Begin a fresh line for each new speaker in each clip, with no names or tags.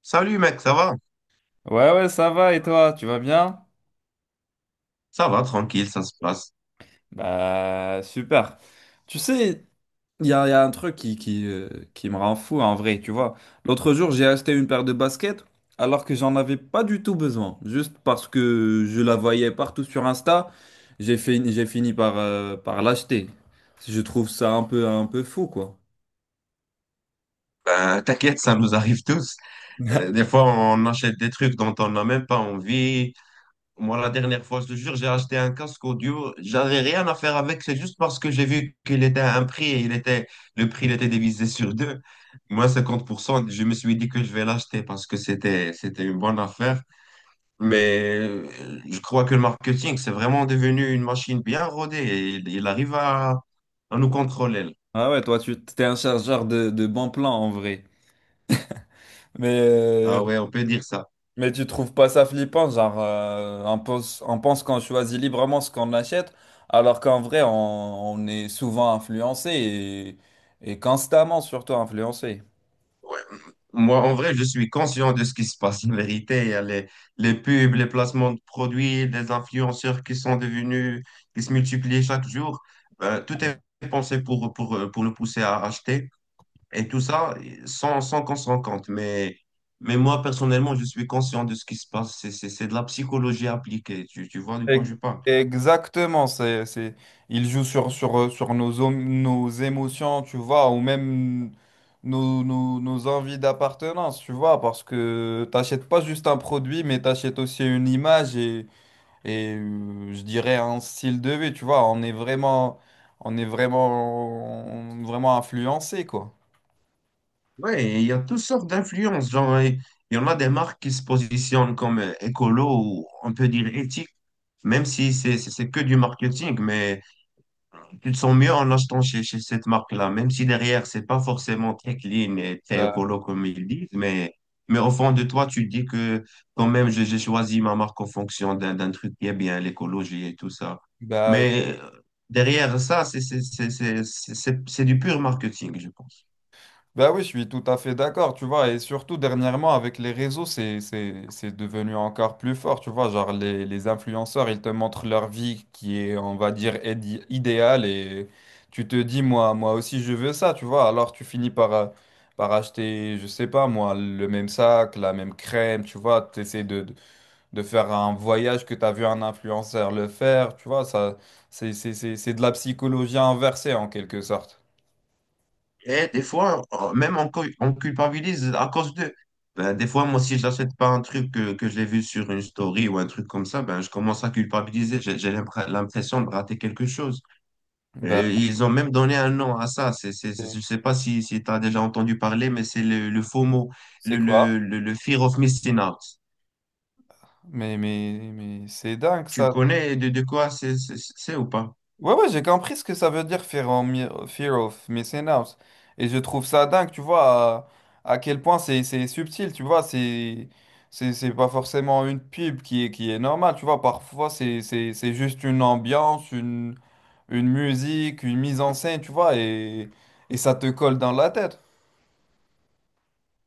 Salut mec, ça va?
Ouais, ouais, ça va, et toi, tu vas bien?
Ça va, tranquille, ça se passe.
Bah, super. Tu sais, il y a un truc qui me rend fou en vrai, tu vois. L'autre jour, j'ai acheté une paire de baskets alors que j'en avais pas du tout besoin. Juste parce que je la voyais partout sur Insta, j'ai fini par l'acheter. Je trouve ça un peu fou, quoi.
Ben, t'inquiète, ça nous arrive tous. Des fois, on achète des trucs dont on n'a même pas envie. Moi, la dernière fois, je te jure, j'ai acheté un casque audio. J'avais rien à faire avec, c'est juste parce que j'ai vu qu'il était à un prix et le prix il était divisé sur deux. Moi, 50%, je me suis dit que je vais l'acheter parce que c'était une bonne affaire. Mais je crois que le marketing, c'est vraiment devenu une machine bien rodée et il arrive à nous contrôler.
Ah ouais, toi, tu t'es un chargeur de bons plans en vrai. Mais.
Ah ouais, on peut dire ça.
Mais tu trouves pas ça flippant, genre on pense qu'on choisit librement ce qu'on achète, alors qu'en vrai on est souvent influencé, et constamment surtout influencé.
Moi, en vrai, je suis conscient de ce qui se passe. En vérité, il y a les pubs, les placements de produits, les influenceurs qui se multiplient chaque jour. Tout est pensé pour le pousser à acheter et tout ça sans qu'on s'en rende compte. Mais moi, personnellement, je suis conscient de ce qui se passe. C'est de la psychologie appliquée. Tu vois de quoi
Ex-
je parle?
Exactement, il joue sur nos émotions, tu vois, ou même nos envies d'appartenance, tu vois, parce que t'achètes pas juste un produit, mais t'achètes aussi une image et je dirais un style de vie, tu vois. On est vraiment vraiment influencé, quoi.
Ouais, et il y a toutes sortes d'influences. Genre, il y en a des marques qui se positionnent comme écolo ou on peut dire éthique, même si c'est que du marketing, mais tu te sens mieux en achetant chez cette marque-là, même si derrière, c'est pas forcément très clean et très
Bah,
écolo comme ils disent, mais au fond de toi, tu te dis que quand même, j'ai choisi ma marque en fonction d'un truc qui est bien, l'écologie et tout ça.
bah,
Mais derrière ça, c'est du pur marketing, je pense.
bah oui, je suis tout à fait d'accord, tu vois, et surtout dernièrement avec les réseaux, c'est devenu encore plus fort, tu vois, genre les influenceurs, ils te montrent leur vie qui est, on va dire, idéale, et tu te dis moi aussi je veux ça, tu vois. Alors tu finis par par acheter, je sais pas moi, le même sac, la même crème, tu vois. Tu essaies de faire un voyage que tu as vu un influenceur le faire, tu vois. Ça, c'est de la psychologie inversée en quelque sorte.
Et des fois, on culpabilise à cause d'eux. Ben, des fois, moi, si je n'achète pas un truc que j'ai vu sur une story ou un truc comme ça, ben, je commence à culpabiliser. J'ai l'impression de rater quelque chose.
Bah,
Et ils ont même donné un nom à ça. C'est, c'est- c'est-
c'est
je ne sais pas si tu as déjà entendu parler, mais c'est le FOMO,
c'est
le, le,
quoi?
le, le Fear of Missing Out.
Mais c'est dingue,
Tu
ça.
connais de quoi c'est ou pas?
Ouais, ouais, j'ai compris ce que ça veut dire, fear of missing out. Et je trouve ça dingue, tu vois, à quel point c'est subtil, tu vois. C'est pas forcément une pub qui est normale, tu vois. Parfois, c'est juste une ambiance, une musique, une mise en scène, tu vois, et ça te colle dans la tête.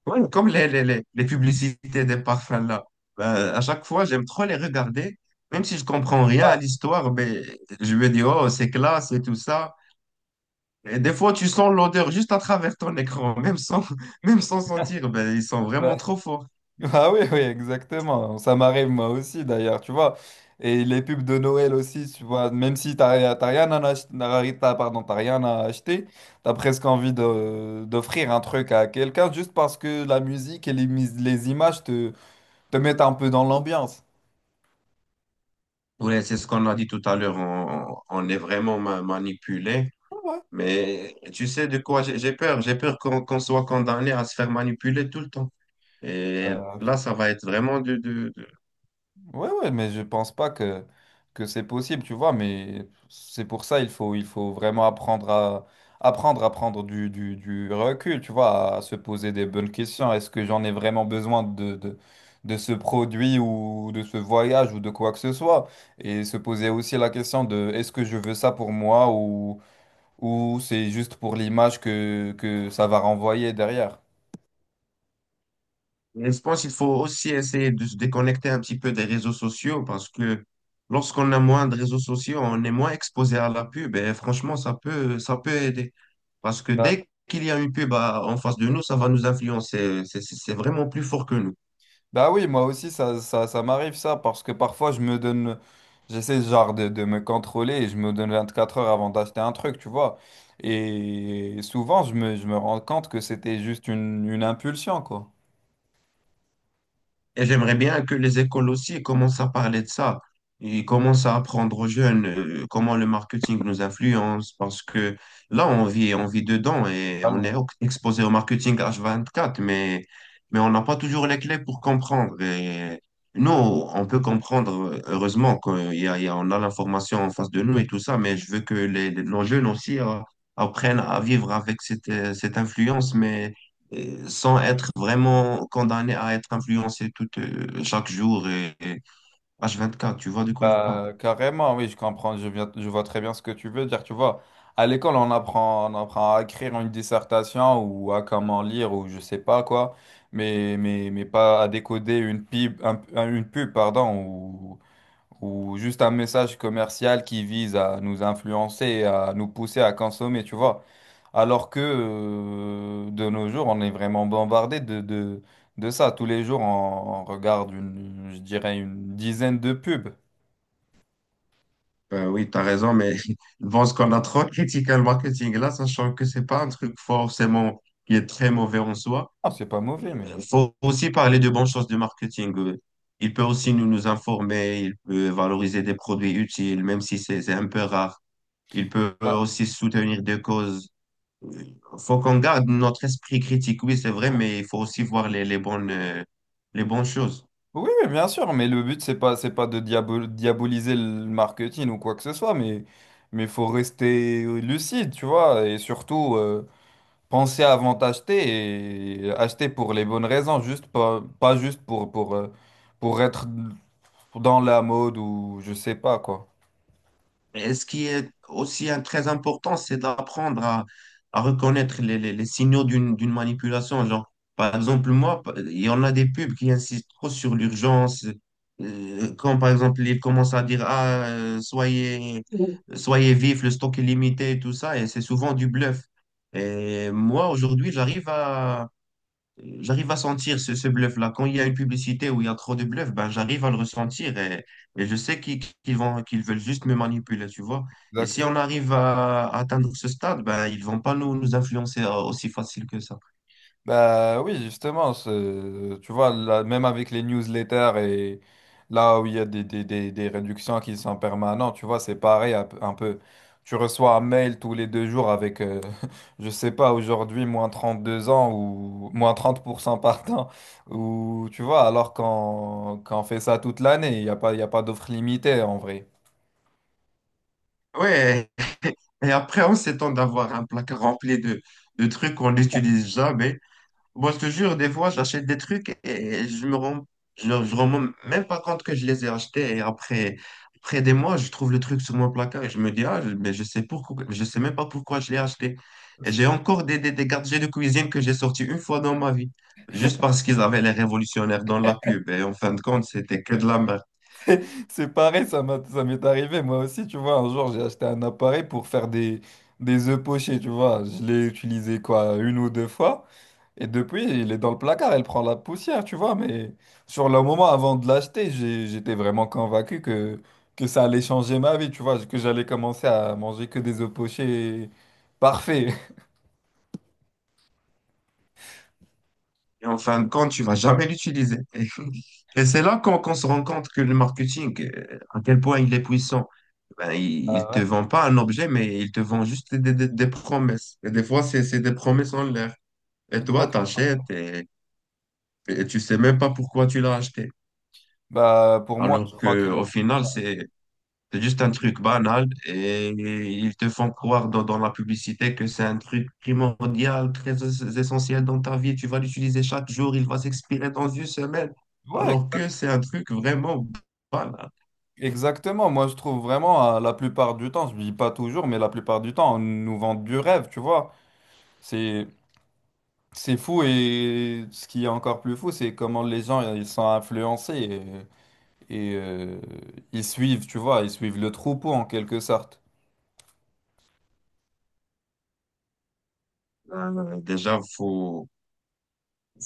Ouais, comme les publicités des parfums là. Ben, à chaque fois, j'aime trop les regarder. Même si je comprends rien à
Ouais,
l'histoire, mais je me dis, oh, c'est classe et tout ça. Et des fois, tu sens l'odeur juste à travers ton écran, même sans, même sans sentir. Ben, ils sont vraiment
bah-
trop forts.
ah oui, oui, exactement. Ça m'arrive moi aussi, d'ailleurs, tu vois. Et les pubs de Noël aussi, tu vois, même si t'as rien à acheter, t'as presque envie d'offrir un truc à quelqu'un, juste parce que la musique et les images te mettent un peu dans l'ambiance.
Oui, c'est ce qu'on a dit tout à l'heure. On est vraiment manipulé. Mais tu sais de quoi j'ai peur. J'ai peur qu'on soit condamné à se faire manipuler tout le temps. Et
Ouais.
là, ça va être vraiment dur.
Ouais, ouais, mais je pense pas que c'est possible, tu vois. Mais c'est pour ça, il faut vraiment apprendre à, prendre du recul, tu vois, à se poser des bonnes questions. Est-ce que j'en ai vraiment besoin de ce produit, ou de ce voyage, ou de quoi que ce soit? Et se poser aussi la question de: est-ce que je veux ça pour moi, ou c'est juste pour l'image que ça va renvoyer derrière?
Et je pense qu'il faut aussi essayer de se déconnecter un petit peu des réseaux sociaux parce que lorsqu'on a moins de réseaux sociaux, on est moins exposé à la pub et franchement, ça peut aider. Parce que dès qu'il y a une pub en face de nous, ça va nous influencer. C'est vraiment plus fort que nous.
Bah oui, moi aussi, ça, ça m'arrive ça, parce que parfois, j'essaie genre de me contrôler, et je me donne 24 heures avant d'acheter un truc, tu vois. Et souvent, je me rends compte que c'était juste une impulsion, quoi.
Et j'aimerais bien que les écoles aussi commencent à parler de ça. Ils commencent à apprendre aux jeunes comment le marketing nous influence parce que là, on vit dedans et on est
Totalement.
exposé au marketing H24, mais on n'a pas toujours les clés pour comprendre. Et nous, on peut comprendre, heureusement, qu'on y a, il y a- on a l'information en face de nous et tout ça, mais je veux que nos jeunes aussi apprennent à vivre avec cette influence, mais sans être vraiment condamné à être influencé chaque jour et h quatre, tu vois de quoi je parle?
Carrément, oui, je comprends. Je vois très bien ce que tu veux dire, tu vois. À l'école, on apprend à écrire une dissertation, ou à comment lire, ou je sais pas quoi, mais mais pas à décoder une pub, une pub, pardon, ou juste un message commercial qui vise à nous influencer et à nous pousser à consommer, tu vois. Alors que de nos jours, on est vraiment bombardé de ça. Tous les jours, on regarde une, je dirais, une dizaine de pubs.
Ben oui, tu as raison, mais bon, ce qu'on a trop critiqué le marketing là, sachant que c'est pas un truc forcément qui est très mauvais en soi.
Ah, c'est pas mauvais, mais...
Il faut aussi parler de bonnes choses du marketing. Il peut aussi nous informer, il peut valoriser des produits utiles, même si c'est un peu rare. Il peut
Ah.
aussi soutenir des causes. Faut qu'on garde notre esprit critique, oui, c'est vrai, mais il faut aussi voir les bonnes choses.
Oui, mais bien sûr, mais le but, c'est pas de diaboliser le marketing ou quoi que ce soit, mais faut rester lucide, tu vois, et surtout... pensez avant d'acheter, et acheter pour les bonnes raisons. Juste pas, pas juste pour être dans la mode, ou je sais pas quoi.
Et ce qui est aussi très important, c'est d'apprendre à reconnaître les signaux d'une manipulation. Genre, par exemple, moi, il y en a des pubs qui insistent trop sur l'urgence. Quand, par exemple, ils commencent à dire, ah,
Oui.
soyez vif, le stock est limité, et tout ça, et c'est souvent du bluff. Et moi, aujourd'hui, j'arrive à sentir ce bluff-là. Quand il y a une publicité où il y a trop de bluff, ben j'arrive à le ressentir et je sais qu'ils veulent juste me manipuler, tu vois. Et si on
Exactement.
arrive à atteindre ce stade, ben ils vont pas nous influencer aussi facile que ça.
Bah oui, justement, tu vois, là, même avec les newsletters et là où il y a des réductions qui sont permanentes, tu vois. C'est pareil un peu. Tu reçois un mail tous les 2 jours avec, je sais pas, aujourd'hui, -32 ans ou -30% par temps. Ou tu vois, alors qu'on fait ça toute l'année. Il y a pas d'offre limitée en vrai.
Ouais, et après on s'étend d'avoir un placard rempli de trucs qu'on n'utilise jamais. Moi, je te jure, des fois, j'achète des trucs et je rends même pas compte que je les ai achetés. Et après des mois, je trouve le truc sur mon placard et je me dis, ah, mais je sais pourquoi, je sais même pas pourquoi je l'ai acheté. Et j'ai encore des gadgets de cuisine que j'ai sortis une fois dans ma vie, juste parce qu'ils avaient les révolutionnaires dans la pub. Et en fin de compte, c'était que de la merde.
C'est pareil, ça m'est arrivé moi aussi, tu vois. Un jour, j'ai acheté un appareil pour faire des œufs pochés, tu vois. Je l'ai utilisé quoi, une ou deux fois. Et depuis, il est dans le placard, il prend la poussière, tu vois. Mais sur le moment, avant de l'acheter, j'étais vraiment convaincu que ça allait changer ma vie, tu vois. Que j'allais commencer à manger que des œufs pochés parfaits.
Et en fin de compte, tu vas jamais l'utiliser. Et c'est là qu'on se rend compte que le marketing, à quel point il est puissant. Ben, il
Ah
te
ouais.
vend pas un objet, mais il te vend juste des promesses. Et des fois, c'est des promesses en l'air. Et toi,
Exact.
t'achètes et tu sais même pas pourquoi tu l'as acheté.
Bah, pour moi, je
Alors
crois qu'il.
que au final, c'est juste un truc banal et ils te font croire dans la publicité que c'est un truc primordial, très essentiel dans ta vie. Tu vas l'utiliser chaque jour, il va s'expirer dans une semaine.
Ouais.
Alors que c'est un truc vraiment banal.
Exactement, moi je trouve vraiment la plupart du temps, je dis pas toujours, mais la plupart du temps, on nous vend du rêve, tu vois. C'est c'est fou, et ce qui est encore plus fou, c'est comment les gens ils sont influencés, et, et, euh, ils suivent, tu vois, ils suivent le troupeau en quelque sorte.
Déjà, faut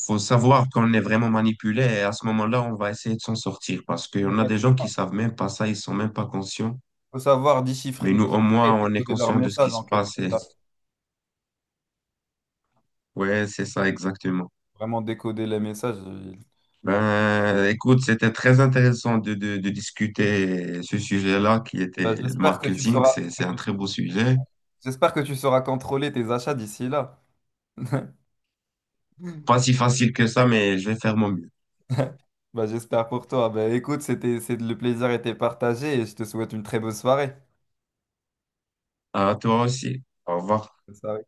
faut savoir qu'on est vraiment manipulé et à ce moment-là, on va essayer de s'en sortir parce
Il
qu'on a des gens qui savent même pas ça, ils sont même pas conscients.
faut savoir déchiffrer,
Mais nous, au
déchiffrer
moins,
et
on est
décoder leurs
conscient de ce qui
messages
se
en quelque
passe. Et.
sorte,
Ouais, c'est ça exactement.
vraiment décoder les messages.
Ben, écoute, c'était très intéressant de discuter ce sujet-là qui était
Euh,
le
J'espère que tu
marketing.
sauras,
C'est,
que
c'est un
tu-
très beau sujet.
j'espère que tu sauras contrôler tes achats d'ici là.
Pas si facile que ça, mais je vais faire mon mieux.
Bah, j'espère pour toi. Bah, écoute, le plaisir était partagé, et je te souhaite une très bonne soirée.
À toi aussi. Au revoir.
Bonne soirée.